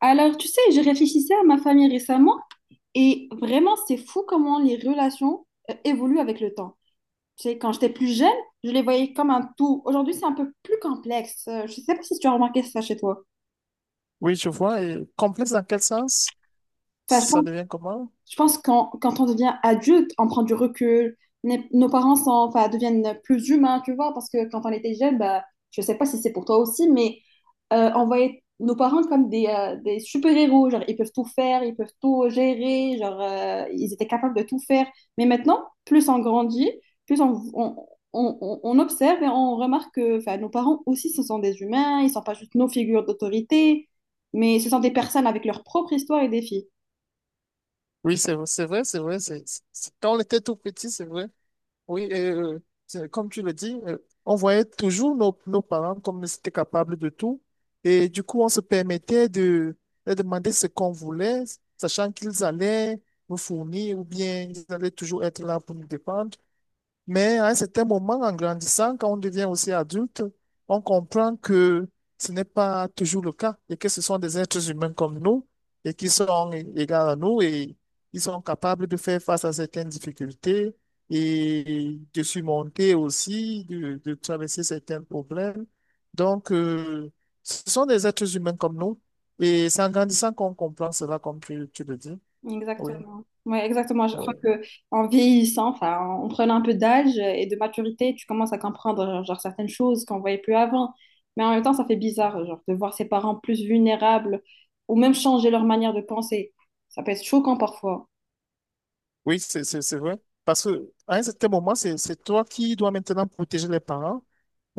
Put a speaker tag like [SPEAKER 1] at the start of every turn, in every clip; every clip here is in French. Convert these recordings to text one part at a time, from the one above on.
[SPEAKER 1] Alors, tu sais, je réfléchissais à ma famille récemment et vraiment, c'est fou comment les relations évoluent avec le temps. Tu sais, quand j'étais plus jeune, je les voyais comme un tout. Aujourd'hui, c'est un peu plus complexe. Je ne sais pas si tu as remarqué ça chez toi.
[SPEAKER 2] Oui, je vois. Et complexe dans quel sens?
[SPEAKER 1] Enfin,
[SPEAKER 2] Ça devient comment?
[SPEAKER 1] je pense quand on devient adulte, on prend du recul. Nos parents sont, enfin, deviennent plus humains, tu vois, parce que quand on était jeune, bah, je sais pas si c'est pour toi aussi, mais on voyait nos parents comme des super-héros. Genre, ils peuvent tout faire, ils peuvent tout gérer, genre, ils étaient capables de tout faire. Mais maintenant, plus on grandit, plus on observe et on remarque que, enfin, nos parents aussi, ce sont des humains, ils sont pas juste nos figures d'autorité, mais ce sont des personnes avec leur propre histoire et défis.
[SPEAKER 2] Oui, c'est vrai, c'est vrai. Quand on était tout petit, c'est vrai. Oui, et, comme tu le dis, on voyait toujours nos parents comme ils étaient capables de tout. Et du coup, on se permettait de demander ce qu'on voulait, sachant qu'ils allaient nous fournir ou bien ils allaient toujours être là pour nous dépendre. Mais à un certain moment, en grandissant, quand on devient aussi adulte, on comprend que ce n'est pas toujours le cas et que ce sont des êtres humains comme nous et qui sont égaux à nous et ils sont capables de faire face à certaines difficultés et de surmonter aussi, de traverser certains problèmes. Donc, ce sont des êtres humains comme nous et c'est en grandissant qu'on comprend cela, comme tu le dis. Oui,
[SPEAKER 1] Exactement. Ouais, exactement. Je crois
[SPEAKER 2] oui.
[SPEAKER 1] que En vieillissant, enfin, en prenant un peu d'âge et de maturité, tu commences à comprendre genre, certaines choses qu'on voyait plus avant. Mais en même temps, ça fait bizarre, genre, de voir ses parents plus vulnérables ou même changer leur manière de penser. Ça peut être choquant parfois.
[SPEAKER 2] Oui, c'est vrai. Parce que à un certain moment, c'est toi qui dois maintenant protéger les parents.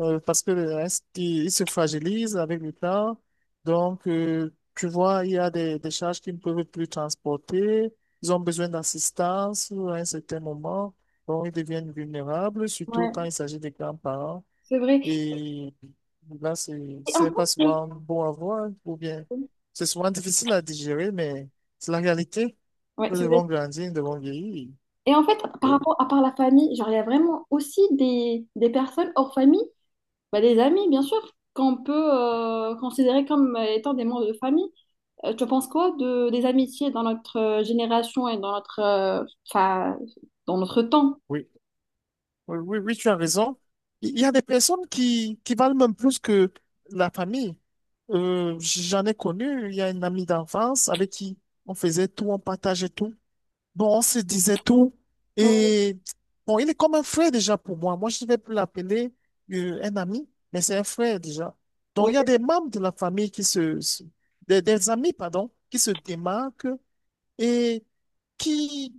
[SPEAKER 2] Parce que ils se fragilisent avec le temps. Donc, tu vois, il y a des charges qu'ils ne peuvent plus transporter. Ils ont besoin d'assistance à un certain moment. Donc, ils deviennent vulnérables, surtout
[SPEAKER 1] Ouais,
[SPEAKER 2] quand il s'agit des grands-parents.
[SPEAKER 1] c'est vrai.
[SPEAKER 2] Et là, c'est
[SPEAKER 1] Et en
[SPEAKER 2] c'est
[SPEAKER 1] fait,
[SPEAKER 2] pas
[SPEAKER 1] je-
[SPEAKER 2] souvent bon à voir, hein, ou bien c'est souvent difficile à digérer, mais c'est la réalité.
[SPEAKER 1] Ouais,
[SPEAKER 2] Nous
[SPEAKER 1] c'est vrai.
[SPEAKER 2] devons grandir, nous devons vieillir.
[SPEAKER 1] Et en fait, par
[SPEAKER 2] Oui,
[SPEAKER 1] rapport à part la famille, genre, il y a vraiment aussi des personnes hors famille, bah, des amis, bien sûr, qu'on peut considérer comme étant des membres de famille. Tu penses quoi de, des amitiés dans notre génération et dans notre, enfin, dans notre temps?
[SPEAKER 2] oui, oui, oui, oui, tu as raison. Il y a des personnes qui valent même plus que la famille. J'en ai connu, il y a une amie d'enfance avec qui on faisait tout, on partageait tout. Bon, on se disait tout. Et bon, il est comme un frère déjà pour moi. Moi, je ne vais plus l'appeler un ami, mais c'est un frère déjà. Donc,
[SPEAKER 1] Oui,
[SPEAKER 2] il y a des membres de la famille des amis, pardon, qui se démarquent et qui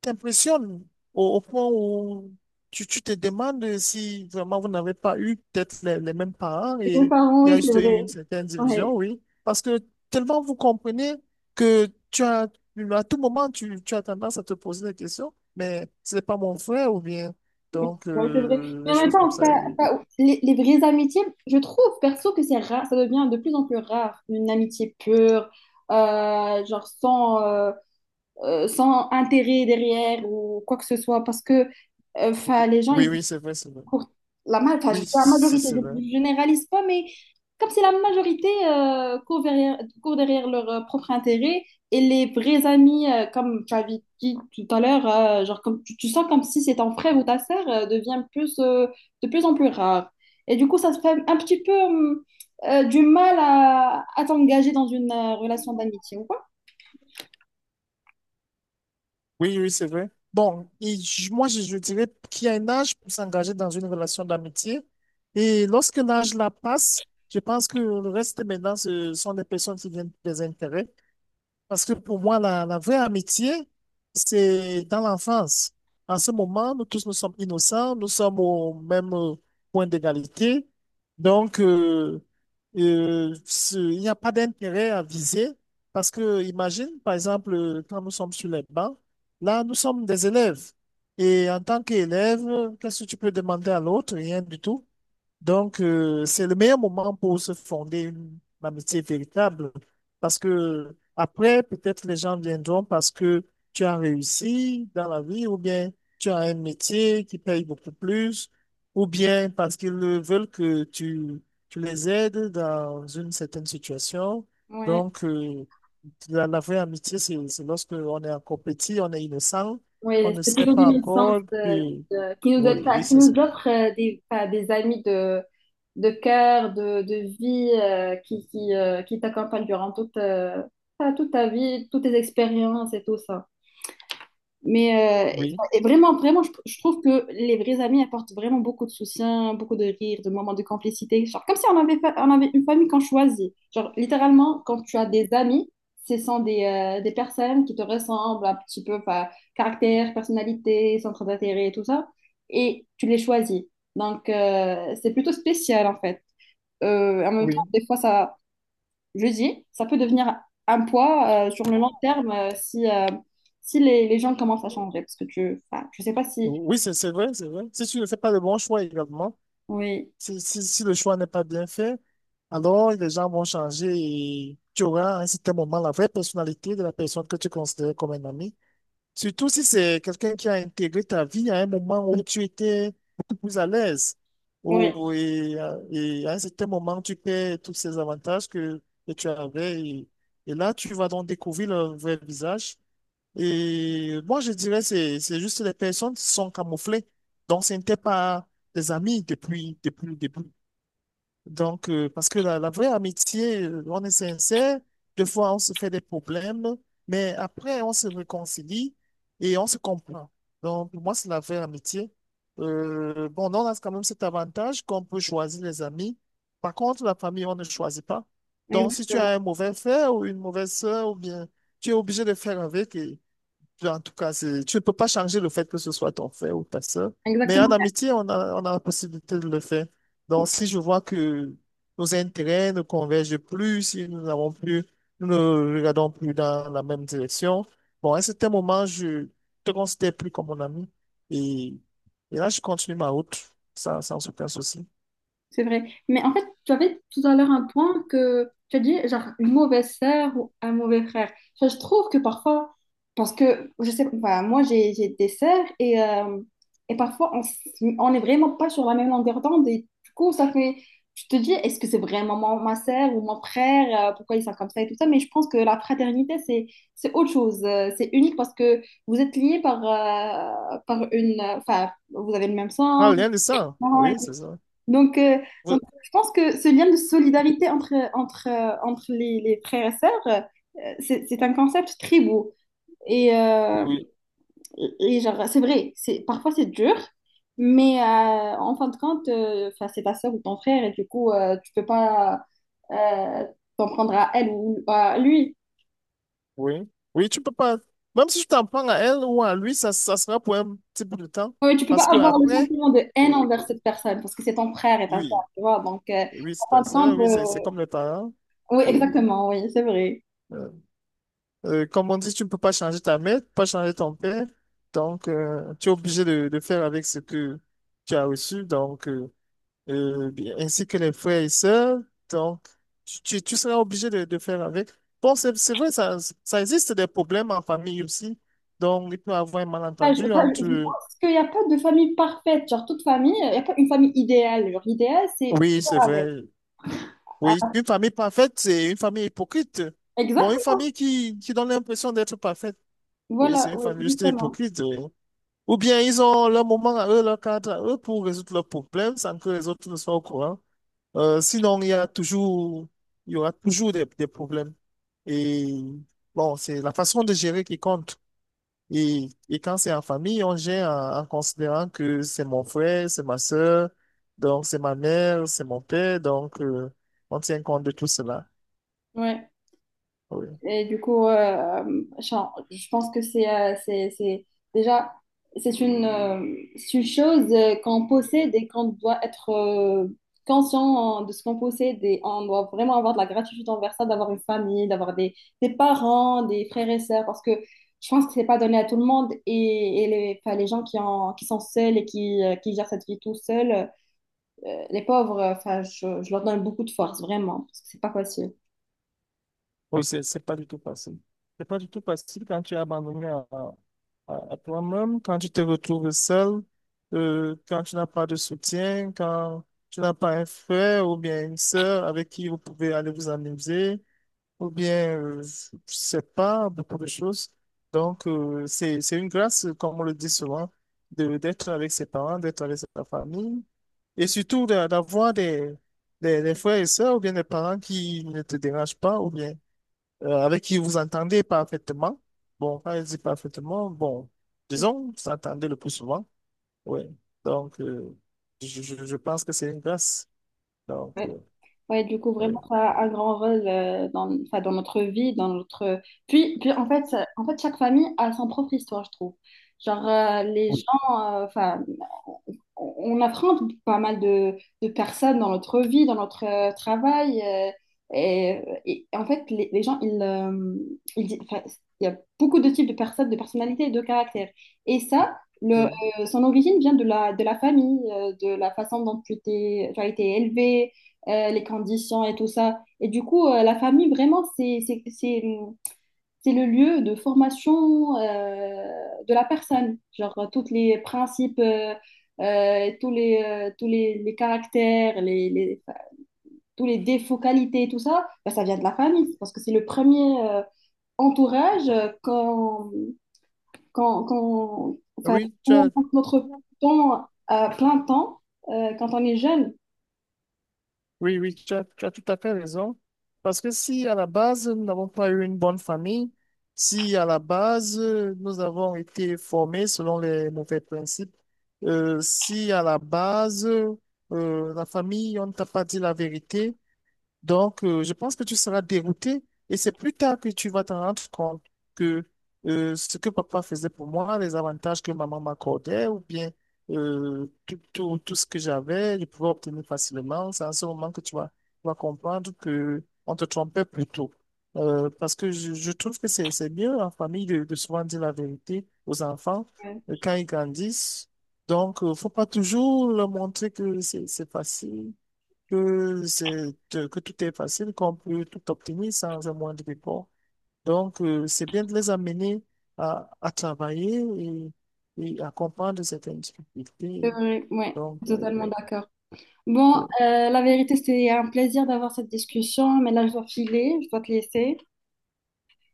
[SPEAKER 2] t'impressionne au point où tu te demandes si vraiment vous n'avez pas eu peut-être les mêmes parents
[SPEAKER 1] mes
[SPEAKER 2] et
[SPEAKER 1] parents,
[SPEAKER 2] il y a
[SPEAKER 1] oui, c'est
[SPEAKER 2] juste eu
[SPEAKER 1] vrai.
[SPEAKER 2] une certaine division,
[SPEAKER 1] Ouais,
[SPEAKER 2] oui. Parce que tellement vous comprenez que tu as, à tout moment, tu as tendance à te poser des questions, mais ce n'est pas mon frère ou bien. Donc,
[SPEAKER 1] ouais, c'est vrai. Mais
[SPEAKER 2] des
[SPEAKER 1] en même
[SPEAKER 2] choses comme
[SPEAKER 1] temps,
[SPEAKER 2] ça. Et-
[SPEAKER 1] ça- les vraies amitiés, je trouve perso que c'est rare, ça devient de plus en plus rare, une amitié pure, genre sans, sans intérêt derrière ou quoi que ce soit, parce que 'fin, les gens,
[SPEAKER 2] Oui, oui, c'est vrai, c'est vrai.
[SPEAKER 1] pour la, ma- enfin, je dis
[SPEAKER 2] Oui,
[SPEAKER 1] la
[SPEAKER 2] c'est
[SPEAKER 1] majorité,
[SPEAKER 2] c'est
[SPEAKER 1] je
[SPEAKER 2] vrai.
[SPEAKER 1] ne généralise pas, mais comme c'est la majorité court derrière leur propre intérêt, et les vrais amis, comme tu avais dit tout à l'heure, genre comme, tu sens comme si c'est ton frère ou ta sœur, devient plus, de plus en plus rare. Et du coup, ça se fait un petit peu du mal à t'engager dans une relation d'amitié.
[SPEAKER 2] Oui, oui, c'est vrai. Bon, et j- moi, je dirais qu'il y a un âge pour s'engager dans une relation d'amitié. Et lorsque l'âge la passe, je pense que le reste maintenant, ce sont des personnes qui viennent des intérêts. Parce que pour moi, la vraie amitié, c'est dans l'enfance. En ce moment, nous tous, nous sommes innocents, nous sommes au même point d'égalité. Donc, il n'y a pas d'intérêt à viser. Parce que, imagine, par exemple, quand nous sommes sur les bancs, là, nous sommes des élèves. Et en tant qu'élève, qu'est-ce que tu peux demander à l'autre? Rien du tout. Donc, c'est le meilleur moment pour se fonder une amitié véritable. Parce que après, peut-être les gens viendront parce que tu as réussi dans la vie, ou bien tu as un métier qui paye beaucoup plus, ou bien parce qu'ils veulent que tu les aides dans une certaine situation.
[SPEAKER 1] Ouais,
[SPEAKER 2] Donc, la vraie amitié, c'est lorsque on est encore petit, on est innocent, on
[SPEAKER 1] ouais,
[SPEAKER 2] ne
[SPEAKER 1] c'est
[SPEAKER 2] sait
[SPEAKER 1] plutôt
[SPEAKER 2] pas
[SPEAKER 1] une licence
[SPEAKER 2] encore que...
[SPEAKER 1] de- qui nous donne,
[SPEAKER 2] Oui, oui,
[SPEAKER 1] enfin, qui
[SPEAKER 2] c'est
[SPEAKER 1] nous
[SPEAKER 2] ça.
[SPEAKER 1] offre des, enfin, des amis de cœur, de vie, qui t'accompagnent durant toute, enfin, toute ta vie, toutes tes expériences et tout ça. Mais euh,
[SPEAKER 2] Oui,
[SPEAKER 1] et vraiment, vraiment, je trouve que les vrais amis apportent vraiment beaucoup de soutien, beaucoup de rire, de moments de complicité. Genre, comme si on avait, fa- on avait une famille qu'on choisit. Genre, littéralement, quand tu as des amis, ce sont des personnes qui te ressemblent un petit peu, enfin, caractère, personnalité, centre d'intérêt et tout ça. Et tu les choisis. Donc, c'est plutôt spécial, en fait. En même temps,
[SPEAKER 2] oui,
[SPEAKER 1] des fois, ça jeudi, ça peut devenir un poids sur le long terme si, si les, les gens commencent à changer. Parce que tu, enfin, je sais pas si.
[SPEAKER 2] oui, c'est vrai, c'est vrai. Si tu ne fais pas le bon choix également,
[SPEAKER 1] Oui,
[SPEAKER 2] si le choix n'est pas bien fait, alors les gens vont changer et tu auras à un certain moment la vraie personnalité de la personne que tu considères comme un ami. Surtout si c'est quelqu'un qui a intégré ta vie à un moment où tu étais beaucoup plus à l'aise.
[SPEAKER 1] oui,
[SPEAKER 2] Et à un certain moment, tu perds tous ces avantages que tu avais. Et là, tu vas donc découvrir leur vrai visage. Et moi, je dirais c'est juste les personnes qui sont camouflées. Donc, ce n'étaient pas des amis depuis le début. Donc, parce que la vraie amitié, on est sincère. Des fois, on se fait des problèmes, mais après, on se réconcilie et on se comprend. Donc, pour moi, c'est la vraie amitié. Bon, on a quand même cet avantage qu'on peut choisir les amis. Par contre, la famille, on ne choisit pas. Donc, si tu
[SPEAKER 1] exactement.
[SPEAKER 2] as un mauvais frère ou une mauvaise sœur, ou bien tu es obligé de faire avec. Et- en tout cas, c'est- tu ne peux pas changer le fait que ce soit ton frère ou ta sœur. Mais en
[SPEAKER 1] Exactement.
[SPEAKER 2] amitié, on a la possibilité de le faire. Donc, si je vois que nos intérêts ne convergent plus, si nous n'avons plus, nous ne regardons plus dans la même direction, bon, à un certain moment, je te considère plus comme mon ami. Et, et là, je continue ma route sans aucun souci.
[SPEAKER 1] C'est vrai. Mais en fait, tu avais tout à l'heure un point que tu as dit, genre, une mauvaise sœur ou un mauvais frère. Enfin, je trouve que parfois, parce que, je sais, enfin, moi, j'ai des sœurs et parfois, on, s- on n'est vraiment pas sur la même longueur d'onde et du coup, ça fait, tu te dis, est-ce que c'est vraiment mon- ma sœur ou mon frère? Pourquoi ils sont comme ça et tout ça? Mais je pense que la fraternité, c'est autre chose. C'est unique parce que vous êtes liés par, par une, enfin, vous avez le même
[SPEAKER 2] Ah,
[SPEAKER 1] sang,
[SPEAKER 2] rien de ça. Oui, c'est ça.
[SPEAKER 1] donc, euh,
[SPEAKER 2] Oui.
[SPEAKER 1] donc, je pense que ce lien de solidarité entre, entre les frères et sœurs, c'est un concept très beau. Et, euh,
[SPEAKER 2] oui.
[SPEAKER 1] et genre, c'est vrai, c'est, parfois c'est dur, mais en fin de compte, enfin, c'est ta sœur ou ton frère, et du coup, tu peux pas euh, t'en prendre à elle ou à lui.
[SPEAKER 2] Oui. Oui, tu peux pas. Même si tu t'en prends à elle ou à lui, ça sera pour un petit bout de temps.
[SPEAKER 1] Ouais, tu peux pas
[SPEAKER 2] Parce que
[SPEAKER 1] avoir le
[SPEAKER 2] après,
[SPEAKER 1] sentiment de haine
[SPEAKER 2] oui,
[SPEAKER 1] envers
[SPEAKER 2] oui,
[SPEAKER 1] cette personne, parce que c'est ton frère et ta sœur,
[SPEAKER 2] oui,
[SPEAKER 1] tu vois. Donc,
[SPEAKER 2] oui, c'est
[SPEAKER 1] en fin
[SPEAKER 2] ta
[SPEAKER 1] de
[SPEAKER 2] sœur,
[SPEAKER 1] compte,
[SPEAKER 2] oui, c'est comme le parent.
[SPEAKER 1] oui,
[SPEAKER 2] Oui.
[SPEAKER 1] exactement, oui, c'est vrai.
[SPEAKER 2] Euh, Comme on dit, tu ne peux pas changer ta mère, tu peux pas changer ton père. Donc, tu es obligé de faire avec ce que tu as reçu. Donc, euh, ainsi que les frères et sœurs. Donc, tu seras obligé de faire avec. Bon, c'est vrai, ça existe des problèmes en famille aussi. Donc, il peut y avoir un
[SPEAKER 1] Ah, je,
[SPEAKER 2] malentendu
[SPEAKER 1] enfin, je
[SPEAKER 2] entre...
[SPEAKER 1] pense qu'il n'y a pas de famille parfaite, genre toute famille, il n'y a pas une famille idéale. Genre l'idéal, c'est
[SPEAKER 2] Oui, c'est
[SPEAKER 1] faire avec.
[SPEAKER 2] vrai. Oui,
[SPEAKER 1] Ah,
[SPEAKER 2] une famille parfaite, c'est une famille hypocrite. Bon,
[SPEAKER 1] exact,
[SPEAKER 2] une famille qui donne l'impression d'être parfaite. Oui, c'est
[SPEAKER 1] voilà,
[SPEAKER 2] une
[SPEAKER 1] oui,
[SPEAKER 2] famille juste
[SPEAKER 1] justement.
[SPEAKER 2] hypocrite. Oui. Ou bien ils ont leur moment à eux, leur cadre à eux pour résoudre leurs problèmes sans que les autres ne soient au courant. Sinon, il y a toujours, il y aura toujours des problèmes. Et bon, c'est la façon de gérer qui compte. Et quand c'est en famille, on gère en considérant que c'est mon frère, c'est ma sœur, donc c'est ma mère, c'est mon père, donc on tient compte de tout cela.
[SPEAKER 1] Ouais.
[SPEAKER 2] Oui.
[SPEAKER 1] Et du coup, genre, je pense que c'est, déjà c'est une chose qu'on possède et qu'on doit être conscient de ce qu'on possède et on doit vraiment avoir de la gratitude envers ça, d'avoir une famille, d'avoir des parents, des frères et sœurs, parce que je pense que c'est pas donné à tout le monde et les, enfin, les gens qui, en- qui sont seuls et qui gèrent cette vie tout seuls, les pauvres, enfin, je leur donne beaucoup de force, vraiment, parce que c'est pas facile.
[SPEAKER 2] Oui, c'est pas du tout facile. C'est pas du tout facile quand tu es abandonné à toi-même, quand tu te retrouves seul, quand tu n'as pas de soutien, quand tu n'as pas un frère ou bien une sœur avec qui vous pouvez aller vous amuser, ou bien, je sais pas, beaucoup de choses. Donc, c'est une grâce, comme on le dit souvent, d'être avec ses parents, d'être avec sa famille, et surtout de- d'avoir des frères et sœurs ou bien des parents qui ne te dérangent pas, ou bien avec qui vous entendez parfaitement. Bon, quand je dis parfaitement, bon, disons, vous s'entendez le plus souvent. Oui. Donc, je pense que c'est une grâce. Donc,
[SPEAKER 1] Ouais, du coup,
[SPEAKER 2] oui.
[SPEAKER 1] vraiment, ça a un grand rôle dans, enfin, dans notre vie, dans notre... Puis, puis en fait, ça- en fait, chaque famille a son propre histoire, je trouve. Genre, les
[SPEAKER 2] Oui,
[SPEAKER 1] gens, enfin, on affronte pas mal de personnes dans notre vie, dans notre travail. Et en fait, les gens, ils di- enfin, il y a beaucoup de types de personnes, de personnalités et de caractères. Et ça, le,
[SPEAKER 2] Euh,
[SPEAKER 1] son origine vient de la famille, de la façon dont tu t'es- tu as été élevé les conditions et tout ça. Et du coup, la famille, vraiment, c'est le lieu de formation de la personne. Genre, tous les principes, tous les caractères, les- enfin, tous les défauts, qualités, tout ça, ben, ça vient de la famille. Parce que c'est le premier entourage enfin,
[SPEAKER 2] oui,
[SPEAKER 1] où on passe notre temps à plein temps quand on est jeune.
[SPEAKER 2] oui, oui, tu as tout à fait raison. Parce que si à la base, nous n'avons pas eu une bonne famille, si à la base, nous avons été formés selon les mauvais principes, si à la base, la famille, on ne t'a pas dit la vérité, donc, je pense que tu seras dérouté et c'est plus tard que tu vas t'en rendre compte que ce que papa faisait pour moi, les avantages que maman m'accordait ou bien tout ce que j'avais, je pouvais obtenir facilement. C'est à ce moment que tu vas comprendre que on te trompait plus tôt. Parce que je trouve que c'est mieux en famille de souvent dire la vérité aux enfants quand ils grandissent. Donc, faut pas toujours leur montrer que c'est facile que c'est, que tout est facile, qu'on peut tout obtenir sans un moindre effort. Donc, c'est bien de les amener à travailler et à comprendre certaines difficultés.
[SPEAKER 1] Ouais,
[SPEAKER 2] Donc,
[SPEAKER 1] totalement
[SPEAKER 2] oui,
[SPEAKER 1] d'accord. Bon,
[SPEAKER 2] oui.
[SPEAKER 1] la vérité, c'était un plaisir d'avoir cette discussion, mais là, je dois filer, je dois te laisser.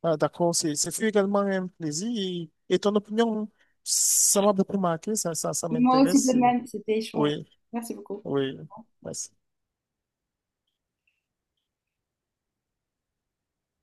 [SPEAKER 2] Ah, d'accord, c'est, ce fut également un plaisir. Et ton opinion, ça m'a beaucoup marqué, ça
[SPEAKER 1] Moi aussi, de
[SPEAKER 2] m'intéresse.
[SPEAKER 1] même, c'était échange.
[SPEAKER 2] Oui,
[SPEAKER 1] Merci beaucoup.
[SPEAKER 2] oui, merci.